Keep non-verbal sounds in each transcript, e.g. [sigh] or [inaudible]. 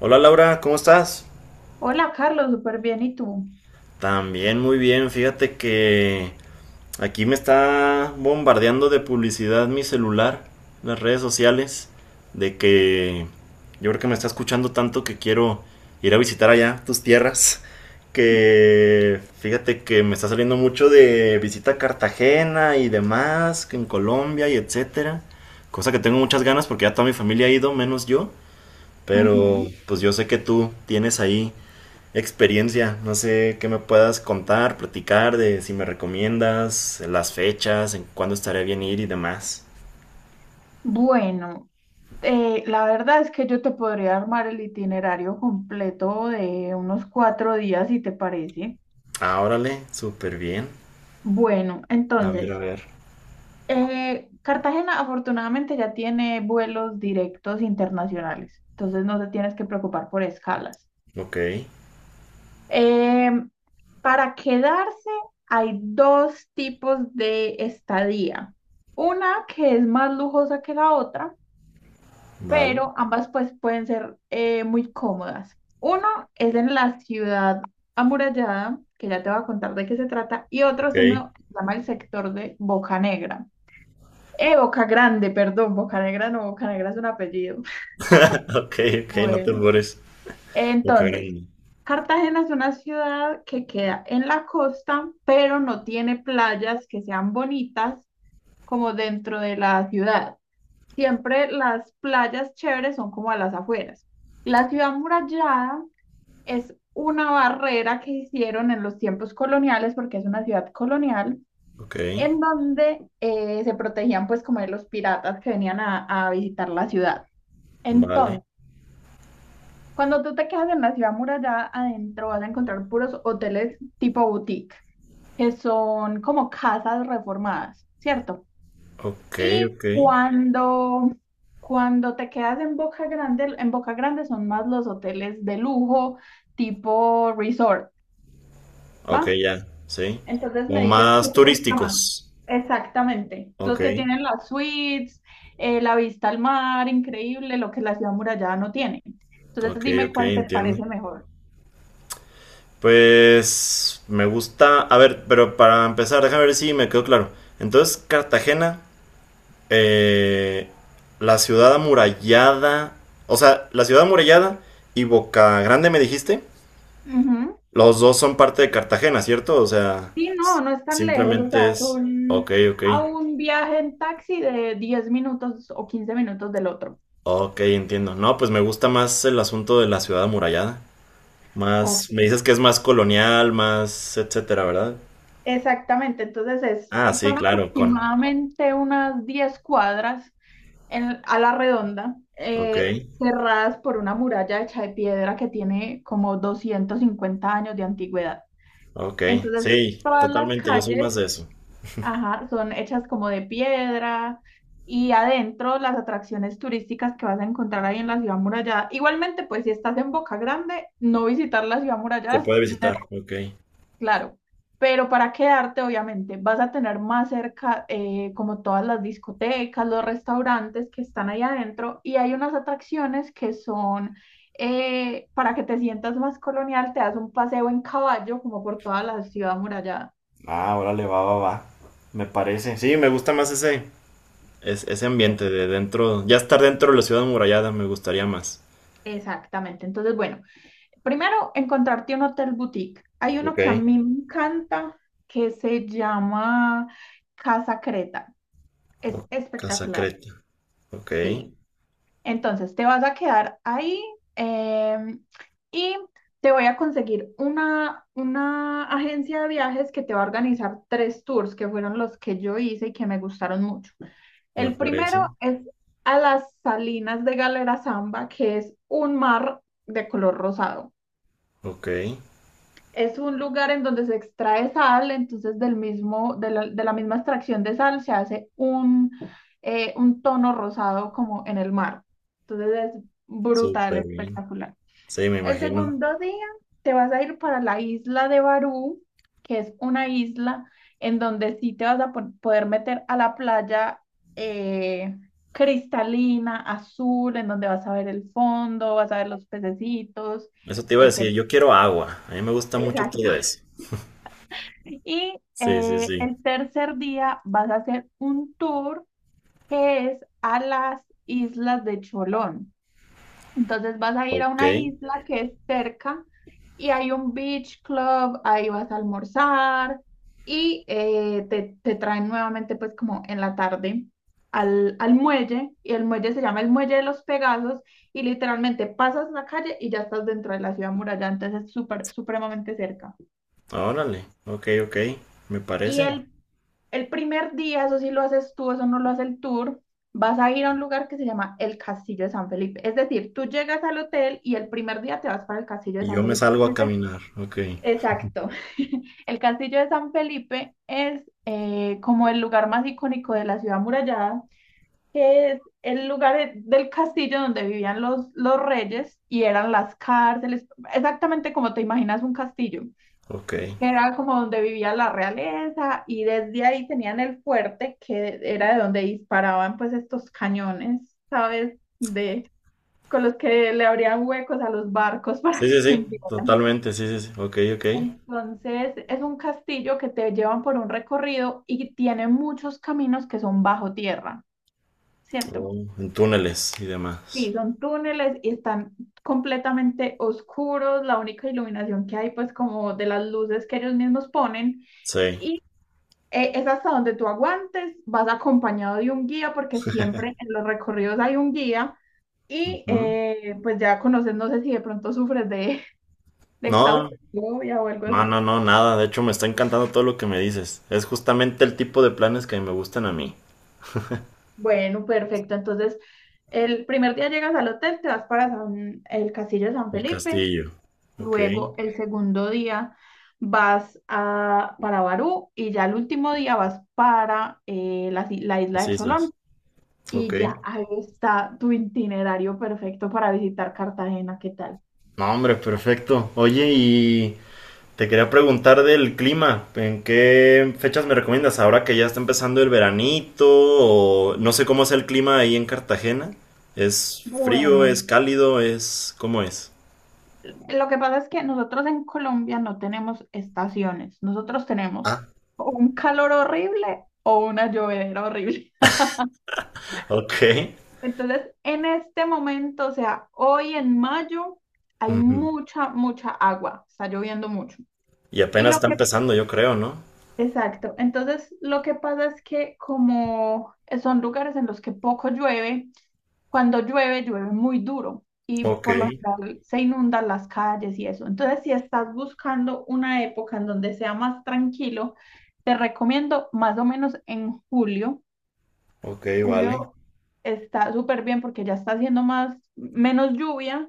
Hola Laura, ¿cómo estás? Hola Carlos, súper bien. ¿Y tú? También muy bien, fíjate que aquí me está bombardeando de publicidad mi celular, las redes sociales, de que yo creo que me está escuchando tanto que quiero ir a visitar allá tus tierras, que fíjate que me está saliendo mucho de visita a Cartagena y demás, que en Colombia y etcétera, cosa que tengo muchas ganas porque ya toda mi familia ha ido, menos yo, pero Ujú. pues yo sé que tú tienes ahí experiencia. No sé qué me puedas contar, platicar de si me recomiendas, las fechas, en cuándo estaría bien ir y demás. Bueno, la verdad es que yo te podría armar el itinerario completo de unos 4 días, si te parece. Ah, órale, súper bien. Bueno, A ver, a entonces, ver. Cartagena afortunadamente ya tiene vuelos directos internacionales, entonces no te tienes que preocupar por escalas. Ok, Em, para quedarse hay dos tipos de estadía. Una que es más lujosa que la otra, vale. pero ambas pues pueden ser muy cómodas. Uno es en la ciudad amurallada, que ya te voy a contar de qué se trata, y otro Ok, es uno que se llama el sector de Boca Negra. Boca Grande, perdón, Boca Negra no, Boca Negra es un apellido. [laughs] [laughs] ok, ok, no te Bueno, borres. Boca entonces, Grande. Cartagena es una ciudad que queda en la costa, pero no tiene playas que sean bonitas como dentro de la ciudad. Siempre las playas chéveres son como a las afueras. La ciudad murallada es una barrera que hicieron en los tiempos coloniales, porque es una ciudad colonial, Ok, en donde se protegían pues como de los piratas que venían a visitar la ciudad. vale. Entonces, cuando tú te quedas en la ciudad murallada, adentro vas a encontrar puros hoteles tipo boutique, que son como casas reformadas, ¿cierto? Ok, Y ok. cuando, cuando te quedas en Boca Grande son más los hoteles de lujo, tipo resort, Ok, ¿va? ya, sí. Entonces Como me dices qué más te gusta más. turísticos. Exactamente. Los Ok, que tienen las suites, la vista al mar, increíble, lo que la ciudad murallada no tiene. ok, Entonces dime ok, cuál te entiendo. parece mejor. Pues me gusta. A ver, pero para empezar, déjame ver si me quedó claro. Entonces, Cartagena, eh, la ciudad amurallada, o sea, la ciudad amurallada y Boca Grande, me dijiste. Ujú. Los dos son parte de Cartagena, ¿cierto? O sea, Sí, no, s- no es tan lejos, o simplemente sea, es. son Ok, ok. a un viaje en taxi de 10 minutos o 15 minutos del otro. Ok, entiendo. No, pues me gusta más el asunto de la ciudad amurallada. Más. Me Ok. dices que es más colonial, más etcétera, ¿verdad? Exactamente, entonces Ah, es, sí, son claro, con. aproximadamente unas 10 cuadras a la redonda, Ok. Cerradas por una muralla hecha de piedra que tiene como 250 años de antigüedad. Ok, Entonces, sí, todas las totalmente, yo soy más calles, de eso. ajá, son hechas como de piedra y adentro las atracciones turísticas que vas a encontrar ahí en la ciudad murallada. Igualmente, pues si estás en Boca Grande, no visitar la ciudad Se murallada es puede un... visitar, ok. Claro, pero para quedarte, obviamente, vas a tener más cerca como todas las discotecas, los restaurantes que están ahí adentro, y hay unas atracciones que son para que te sientas más colonial, te das un paseo en caballo como por toda la ciudad amurallada. Ah, órale, va, va, va. Me parece. Sí, me gusta más ese, ese Sí. ambiente de dentro, ya estar dentro de la ciudad amurallada me gustaría más. Exactamente. Entonces, bueno, primero encontrarte un hotel boutique. Hay uno Ok. que a mí me encanta que se llama Casa Creta. Es O Casa espectacular. Creta. Ok, Sí. Entonces, te vas a quedar ahí, em, y te voy a conseguir una agencia de viajes que te va a organizar tres tours que fueron los que yo hice y que me gustaron mucho. me El parece. primero es a las Salinas de Galera Zamba, que es un mar de color rosado. Ok, Es un lugar en donde se extrae sal, entonces del mismo, de la misma extracción de sal se hace un tono rosado como en el mar. Entonces es brutal, súper bien. espectacular. Sí, me El imagino. segundo día te vas a ir para la isla de Barú, que es una isla en donde sí te vas a poder meter a la playa, eh, cristalina, azul, en donde vas a ver el fondo, vas a ver los pececitos, Eso te iba a decir, etc. yo quiero agua. A mí me gusta mucho todo eso. Y Sí, sí, el sí. tercer día vas a hacer un tour que es a las islas de Cholón. Entonces vas a ir a Ok, una isla que es cerca y hay un beach club, ahí vas a almorzar y te traen nuevamente pues como en la tarde al muelle, y el muelle se llama el Muelle de los Pegasos, y literalmente pasas la calle y ya estás dentro de la ciudad muralla, entonces es súper, supremamente cerca. órale. Ok, ok, me Y parece. el El primer día, eso sí lo haces tú, eso no lo hace el tour, vas a ir a un lugar que se llama el Castillo de San Felipe. Es decir, tú llegas al hotel y el primer día te vas para el Castillo de Y San yo me Felipe. salgo a caminar. Ok. Exacto. [laughs] El Castillo de San Felipe es como el lugar más icónico de la ciudad amurallada, que es el lugar del castillo donde vivían los reyes y eran las cárceles, exactamente como te imaginas un castillo Ok. que era como donde vivía la realeza, y desde ahí tenían el fuerte, que era de donde disparaban pues estos cañones, ¿sabes? De, con los que le abrían huecos a los barcos [laughs] para Sí, que sí, se sí. hundieran. Totalmente, sí, sí, sí. Ok, ok. Entonces es un castillo que te llevan por un recorrido y tiene muchos caminos que son bajo tierra, ¿cierto? Oh, en túneles y Sí, demás. son túneles y están completamente oscuros, la única iluminación que hay pues como de las luces que ellos mismos ponen. Sí. Y es hasta donde tú aguantes, vas acompañado de un guía, porque siempre en los recorridos hay un guía, y Ujú. Pues ya conoces, no sé si de pronto sufres de No, claustrofobia o algo no, no, así. no, nada. De hecho, me está encantando todo lo que me dices. Es justamente el tipo de planes que me gustan a mí. Bueno, perfecto. Entonces, el primer día llegas al hotel, te vas para el Castillo de San El Felipe, castillo. Ok. luego el segundo día vas a, para Barú, y ya el último día vas para la, si- la isla Las de Cholón. islas. Ok. Y ya, ahí está tu itinerario perfecto para visitar Cartagena, ¿qué tal? No, hombre, perfecto. Oye, y te quería preguntar del clima, ¿en qué fechas me recomiendas? Ahora que ya está empezando el veranito, o no sé cómo es el clima ahí en Cartagena. ¿Es frío, Bueno, es cálido, es... ¿Cómo es? lo que pasa es que nosotros en Colombia no tenemos estaciones, nosotros tenemos Ah, o un calor horrible o una llovedera horrible. ok. Entonces, en este momento, o sea, hoy en mayo, hay Ujú. mucha, mucha agua, está lloviendo mucho. Y Y apenas lo está que, empezando, yo creo, ¿no? exacto, entonces lo que pasa es que como son lugares en los que poco llueve, cuando llueve, llueve muy duro y Ok, por lo general se inundan las calles y eso. Entonces, si estás buscando una época en donde sea más tranquilo, te recomiendo más o menos en julio. ok, vale. Julio está súper bien porque ya está haciendo más, menos lluvia.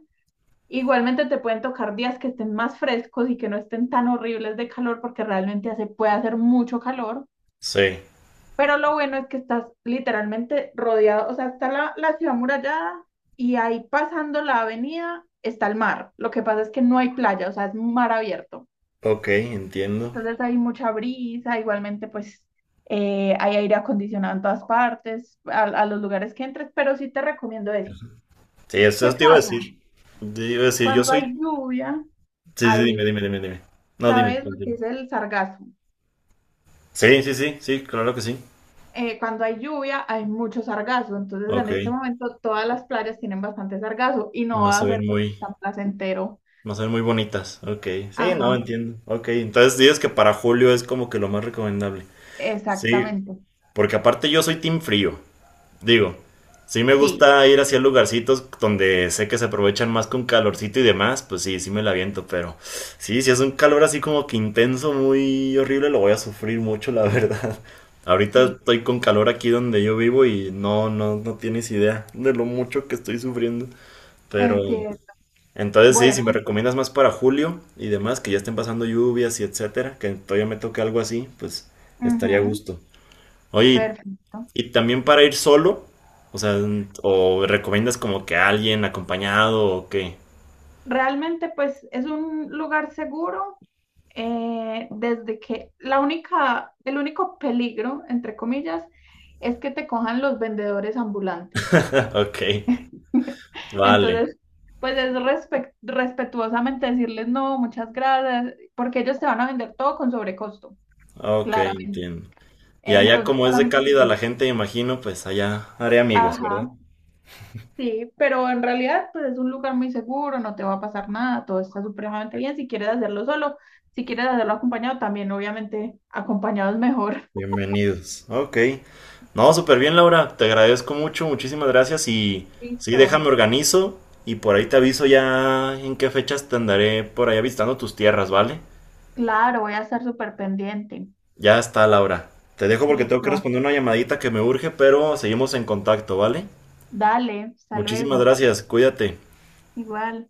Igualmente te pueden tocar días que estén más frescos y que no estén tan horribles de calor, porque realmente hace, puede hacer mucho calor. Sí, Pero lo bueno es que estás literalmente rodeado, o sea, está la ciudad murallada y ahí pasando la avenida está el mar. Lo que pasa es que no hay playa, o sea, es mar abierto. ok, entiendo. Entonces hay mucha brisa, igualmente pues hay aire acondicionado en todas partes, a los lugares que entres, pero sí te recomiendo eso. Sí, eso ¿Qué eso te iba a pasa? decir. Te iba a decir, yo Cuando hay soy... lluvia, Sí, sí, dime, hay, dime, dime, dime. No, dime. ¿sabes lo que Continúa. es el sargazo? Sí, sí, sí, sí, claro que sí. Cuando hay lluvia hay mucho sargazo, entonces en Ok, este momento todas las playas tienen bastante sargazo y no no va se a ser ven pues, muy... tan placentero. No son muy bonitas. Ok. Sí, no, Ajá, entiendo. Ok. Entonces dices que para julio es como que lo más recomendable. Sí, exactamente. porque aparte yo soy team frío. Digo, sí me Sí, gusta ir hacia lugarcitos donde sé que se aprovechan más con calorcito y demás. Pues sí, sí me la aviento, pero sí, si es un calor así como que intenso, muy horrible, lo voy a sufrir mucho, la verdad. [laughs] Ahorita sí, estoy con calor aquí donde yo vivo y no, no, no tienes idea de lo mucho que estoy sufriendo. Pero entiendo. entonces, sí, si Bueno, me recomiendas más para julio y demás, que ya estén pasando lluvias y etcétera, que todavía me toque algo así, pues estaría a ujú, gusto. Oye, perfecto. Y también para ir solo, o sea, o ¿recomiendas como que alguien acompañado o qué? Realmente pues es un lugar seguro, desde que la única, el único peligro, entre comillas, es que te cojan los vendedores ambulantes. [laughs] Ok, [laughs] vale, Entonces, pues es respetuosamente decirles no, muchas gracias, porque ellos te van a vender todo con sobrecosto, ok, claramente. entiendo. Y allá Entonces, como es de solamente sí. cálida la gente, imagino, pues allá haré amigos, ¿verdad? Ajá, sí, pero en realidad, pues es un lugar muy seguro, no te va a pasar nada, todo está supremamente bien. Si quieres hacerlo solo, si quieres hacerlo acompañado, también obviamente acompañado es mejor. Bienvenidos. Ok. No, súper bien, Laura. Te agradezco mucho, muchísimas gracias. Y [laughs] sí, déjame Listo, organizo y por ahí te aviso ya en qué fechas te andaré por allá visitando tus tierras, ¿vale? claro, voy a estar súper pendiente. Ya está, Laura. Te dejo porque tengo que Listo, responder una llamadita que me urge, pero seguimos en contacto, ¿vale? dale, hasta Muchísimas luego, gracias, cuídate. igual.